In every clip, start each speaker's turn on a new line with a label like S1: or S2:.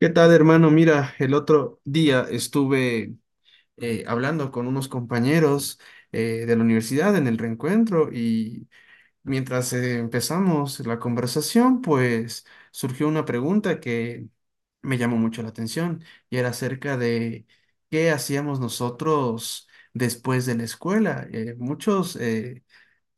S1: ¿Qué tal, hermano? Mira, el otro día estuve hablando con unos compañeros de la universidad en el reencuentro y mientras empezamos la conversación, pues surgió una pregunta que me llamó mucho la atención y era acerca de qué hacíamos nosotros después de la escuela. Muchos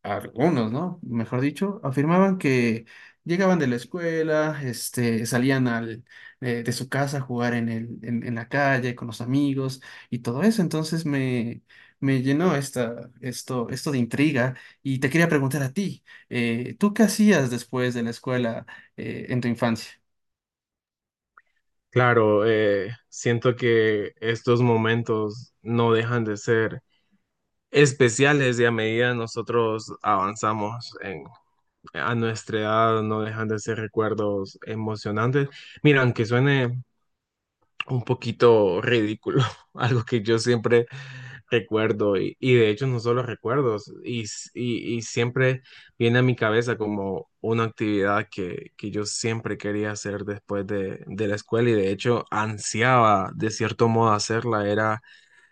S1: algunos, ¿no? Mejor dicho, afirmaban que llegaban de la escuela, este, salían de su casa a jugar en la calle con los amigos y todo eso. Entonces me llenó esto de intriga y te quería preguntar a ti, ¿tú qué hacías después de la escuela, en tu infancia?
S2: Claro, siento que estos momentos no dejan de ser especiales y a medida nosotros avanzamos a nuestra edad no dejan de ser recuerdos emocionantes. Mira, aunque suene un poquito ridículo, algo que yo siempre recuerdo y de hecho no solo recuerdos y siempre viene a mi cabeza como una actividad que yo siempre quería hacer después de la escuela y de hecho ansiaba de cierto modo hacerla, era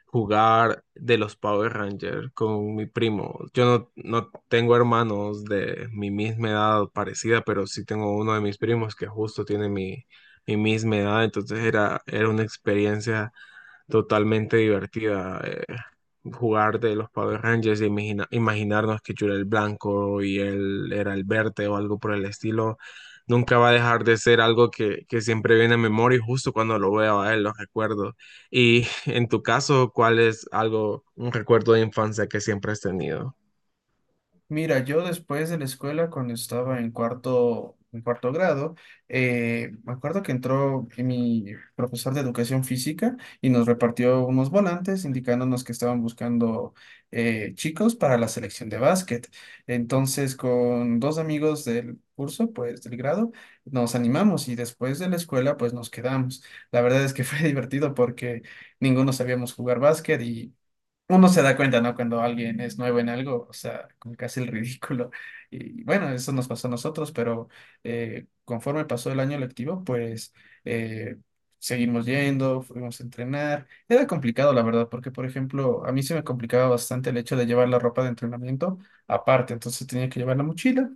S2: jugar de los Power Rangers con mi primo. Yo no, No tengo hermanos de mi misma edad o parecida, pero sí tengo uno de mis primos que justo tiene mi misma edad, era una experiencia totalmente divertida. Jugar de los Power Rangers y imaginarnos que yo era el blanco y él era el verde o algo por el estilo, nunca va a dejar de ser algo que siempre viene a memoria y justo cuando lo veo a él lo recuerdo. Y en tu caso, ¿cuál es algo, un recuerdo de infancia que siempre has tenido?
S1: Mira, yo después de la escuela, cuando estaba en cuarto grado, me acuerdo que entró mi profesor de educación física y nos repartió unos volantes indicándonos que estaban buscando chicos para la selección de básquet. Entonces, con dos amigos del curso, pues del grado, nos animamos y después de la escuela, pues nos quedamos. La verdad es que fue divertido porque ninguno sabíamos jugar básquet y uno se da cuenta, ¿no? Cuando alguien es nuevo en algo, o sea, como que hace el ridículo. Y bueno, eso nos pasó a nosotros, pero conforme pasó el año lectivo, pues eh, seguimos yendo, fuimos a entrenar. Era complicado, la verdad, porque, por ejemplo, a mí se me complicaba bastante el hecho de llevar la ropa de entrenamiento aparte, entonces tenía que llevar la mochila.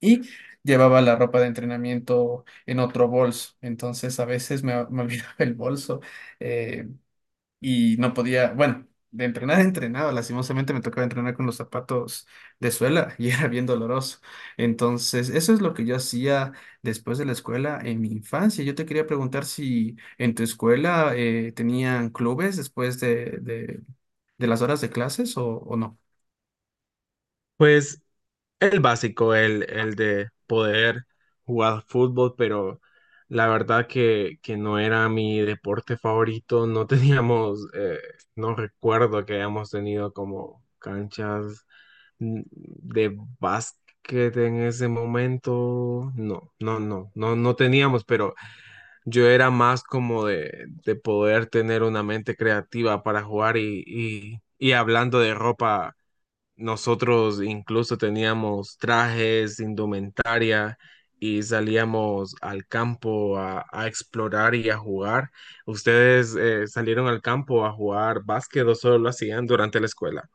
S1: Y llevaba la ropa de entrenamiento en otro bolso. Entonces a veces me olvidaba el bolso. eh, y no podía, bueno, de entrenar a entrenado lastimosamente me tocaba entrenar con los zapatos de suela y era bien doloroso. Entonces, eso es lo que yo hacía después de la escuela en mi infancia. Yo te quería preguntar si en tu escuela tenían clubes después de las horas de clases o no.
S2: Pues el básico, el de poder jugar fútbol, pero la verdad que no era mi deporte favorito. No teníamos, no recuerdo que hayamos tenido como canchas de básquet en ese momento. No teníamos, pero yo era más como de poder tener una mente creativa para jugar y hablando de ropa nosotros incluso teníamos trajes, indumentaria y salíamos al campo a explorar y a jugar. ¿Ustedes salieron al campo a jugar básquet o solo lo hacían durante la escuela?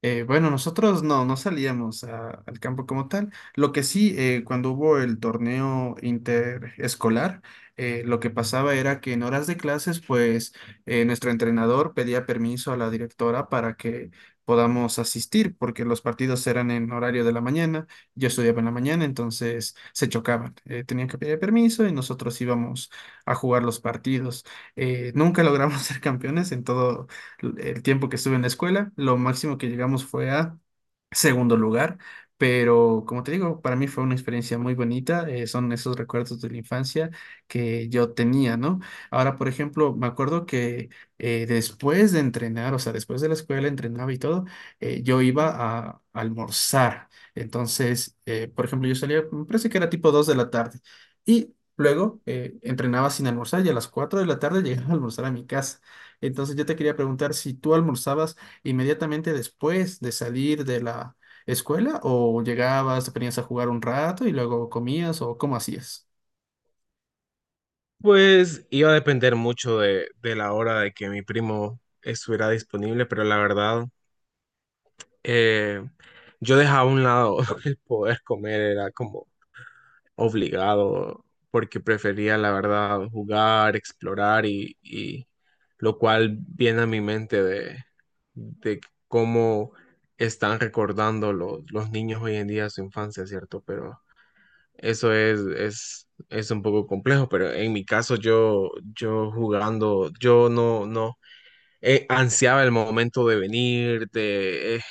S1: Bueno, nosotros no, no salíamos al campo como tal. Lo que sí, cuando hubo el torneo interescolar, lo que pasaba era que en horas de clases, pues nuestro entrenador pedía permiso a la directora para que podamos asistir, porque los partidos eran en horario de la mañana, yo estudiaba en la mañana, entonces se chocaban. Tenían que pedir permiso y nosotros íbamos a jugar los partidos. Nunca logramos ser campeones en todo el tiempo que estuve en la escuela. Lo máximo que llegamos fue a segundo lugar, pero como te digo, para mí fue una experiencia muy bonita. Eh, son esos recuerdos de la infancia que yo tenía, ¿no? Ahora, por ejemplo, me acuerdo que después de entrenar, o sea, después de la escuela, entrenaba y todo, yo iba a almorzar. Entonces, por ejemplo, yo salía, me parece que era tipo 2 de la tarde. Y luego entrenaba sin almorzar y a las 4 de la tarde llegaba a almorzar a mi casa. Entonces yo te quería preguntar si tú almorzabas inmediatamente después de salir de la escuela o llegabas, te ponías a jugar un rato y luego comías o cómo hacías.
S2: Pues iba a depender mucho de la hora de que mi primo estuviera disponible, pero la verdad, eh, yo dejaba a un lado el poder comer, era como obligado, porque prefería, la verdad, jugar, explorar y lo cual viene a mi mente de cómo están recordando los niños hoy en día su infancia, ¿cierto? Pero es un poco complejo, pero en mi caso yo jugando, yo no, no, ansiaba el momento de venir, de eh,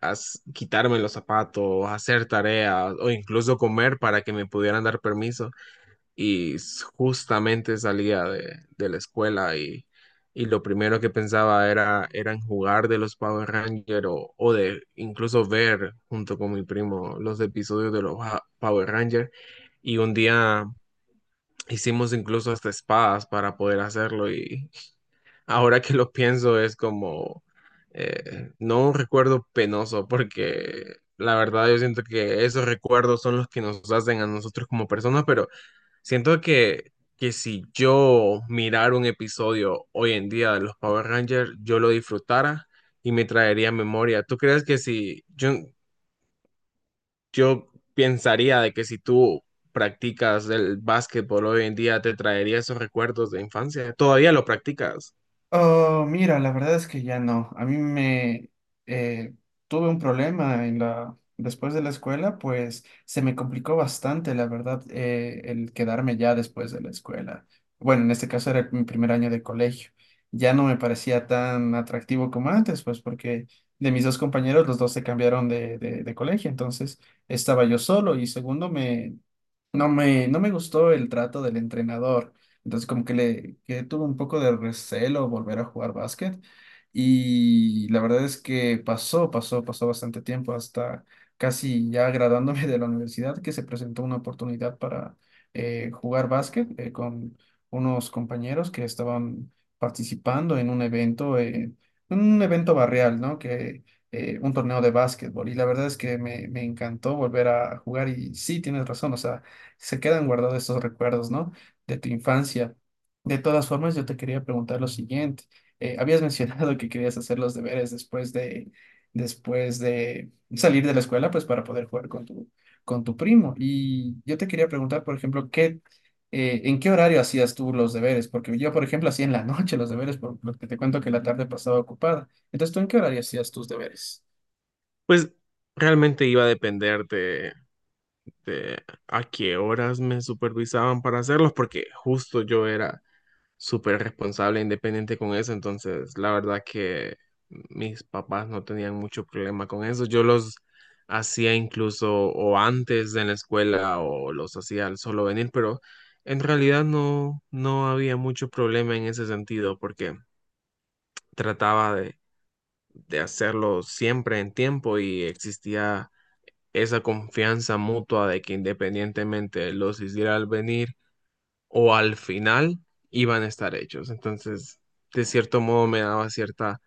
S2: as- quitarme los zapatos, hacer tareas o incluso comer para que me pudieran dar permiso justamente salía de la escuela y lo primero que pensaba era en jugar de los Power Rangers o de incluso ver junto con mi primo los episodios de los Power Rangers y un día hicimos incluso hasta espadas para poder hacerlo y ahora que lo pienso es como no un recuerdo penoso porque la verdad yo siento que esos recuerdos son los que nos hacen a nosotros como personas, pero siento que si yo mirara un episodio hoy en día de los Power Rangers, yo lo disfrutara y me traería memoria. ¿Tú crees que si yo pensaría de que si tú practicas el básquetbol hoy en día, te traería esos recuerdos de infancia? ¿Todavía lo practicas?
S1: Oh, mira, la verdad es que ya no. A mí me eh, tuve un problema en la después de la escuela, pues se me complicó bastante, la verdad, el quedarme ya después de la escuela. Bueno, en este caso era mi primer año de colegio. Ya no me parecía tan atractivo como antes, pues porque de mis dos compañeros, los dos se cambiaron de colegio, entonces estaba yo solo y segundo, no me gustó el trato del entrenador. Entonces, como que le que tuve un poco de recelo volver a jugar básquet. Y la verdad es que pasó bastante tiempo hasta casi ya graduándome de la universidad que se presentó una oportunidad para jugar básquet con unos compañeros que estaban participando en un evento barrial, ¿no? Que un torneo de básquetbol. Y la verdad es que me encantó volver a jugar y sí, tienes razón, o sea se quedan guardados esos recuerdos, ¿no? De tu infancia. De todas formas, yo te quería preguntar lo siguiente. Habías mencionado que querías hacer los deberes después después de salir de la escuela, pues para poder jugar con con tu primo. Y yo te quería preguntar, por ejemplo, ¿en qué horario hacías tú los deberes? Porque yo, por ejemplo, hacía en la noche los deberes, por lo que te cuento que la tarde pasaba ocupada. Entonces, ¿tú en qué horario hacías tus deberes?
S2: Pues realmente iba a depender de a qué horas me supervisaban para hacerlos, porque justo yo era súper responsable e independiente con eso, entonces la verdad que mis papás no tenían mucho problema con eso. Yo los hacía incluso o antes de la escuela o los hacía al solo venir, pero en realidad no había mucho problema en ese sentido porque trataba de hacerlo siempre en tiempo y existía esa confianza mutua de que independientemente los hiciera al venir o al final iban a estar hechos. Entonces, de cierto modo me daba cierta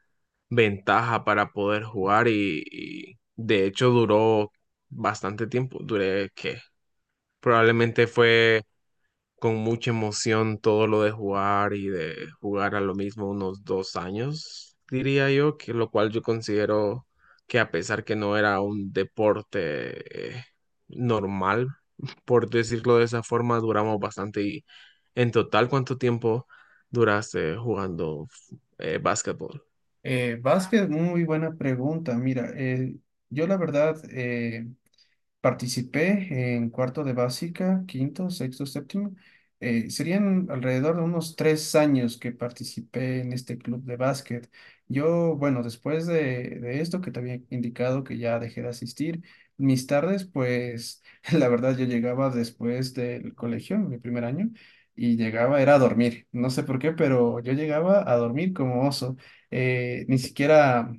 S2: ventaja para poder jugar y de hecho duró bastante tiempo. Duré que probablemente fue con mucha emoción todo lo de jugar y de jugar a lo mismo unos 2 años, diría yo, que lo cual yo considero que a pesar que no era un deporte normal, por decirlo de esa forma, duramos bastante. ¿Y en total cuánto tiempo duraste jugando básquetbol?
S1: Vázquez, muy buena pregunta. Mira, yo la verdad, participé en cuarto de básica, quinto, sexto, séptimo. Serían alrededor de unos 3 años que participé en este club de básquet. Yo, bueno, después de esto que te había indicado que ya dejé de asistir, mis tardes, pues la verdad yo llegaba después del colegio, mi primer año, y llegaba, era a dormir. No sé por qué, pero yo llegaba a dormir como oso. Eh, ni siquiera,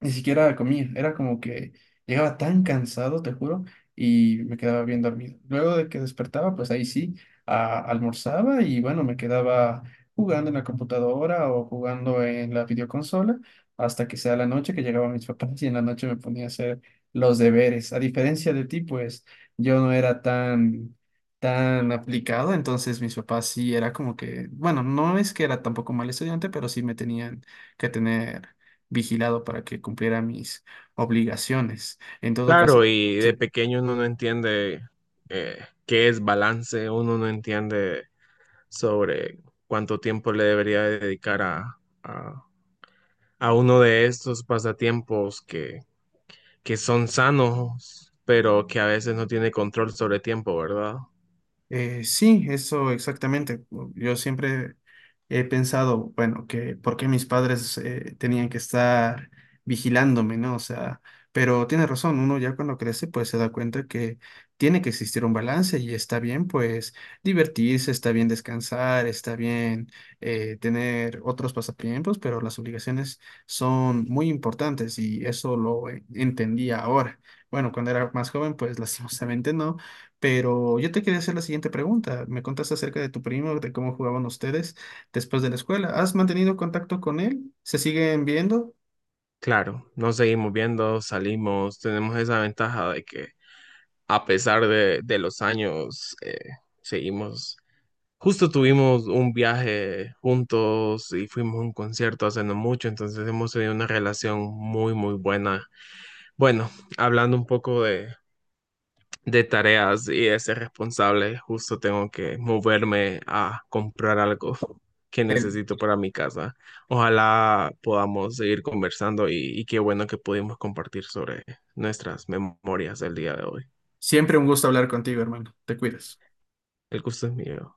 S1: ni siquiera comía. Era como que llegaba tan cansado, te juro y me quedaba bien dormido. Luego de que despertaba, pues ahí sí, almorzaba y bueno, me quedaba jugando en la computadora o jugando en la videoconsola hasta que sea la noche que llegaban mis papás y en la noche me ponía a hacer los deberes. A diferencia de ti, pues yo no era tan aplicado, entonces mis papás sí era como que, bueno, no es que era tampoco mal estudiante, pero sí me tenían que tener vigilado para que cumpliera mis obligaciones. En todo caso,
S2: Claro, y de
S1: sí.
S2: pequeño uno no entiende eh, qué es balance, uno no entiende sobre cuánto tiempo le debería dedicar a uno de estos pasatiempos que son sanos, pero que a veces no tiene control sobre tiempo, ¿verdad?
S1: Sí, eso exactamente. Yo siempre he pensado, bueno, que por qué mis padres tenían que estar vigilándome, ¿no? O sea, pero tiene razón, uno ya cuando crece pues se da cuenta que tiene que existir un balance y está bien pues divertirse, está bien descansar, está bien tener otros pasatiempos, pero las obligaciones son muy importantes y eso lo entendí ahora. Bueno, cuando era más joven pues lastimosamente no, pero yo te quería hacer la siguiente pregunta. Me contaste acerca de tu primo, de cómo jugaban ustedes después de la escuela. ¿Has mantenido contacto con él? ¿Se siguen viendo?
S2: Claro, nos seguimos viendo, salimos, tenemos esa ventaja de que a pesar de los años, seguimos. Justo tuvimos un viaje juntos y fuimos a un concierto hace no mucho, entonces hemos tenido una relación muy buena. Bueno, hablando un poco de tareas y de ser responsable, justo tengo que moverme a comprar algo que
S1: Él.
S2: necesito para mi casa. Ojalá podamos seguir conversando y qué bueno que pudimos compartir sobre nuestras memorias el día de hoy.
S1: Siempre un gusto hablar contigo, hermano. Te cuidas.
S2: El gusto es mío.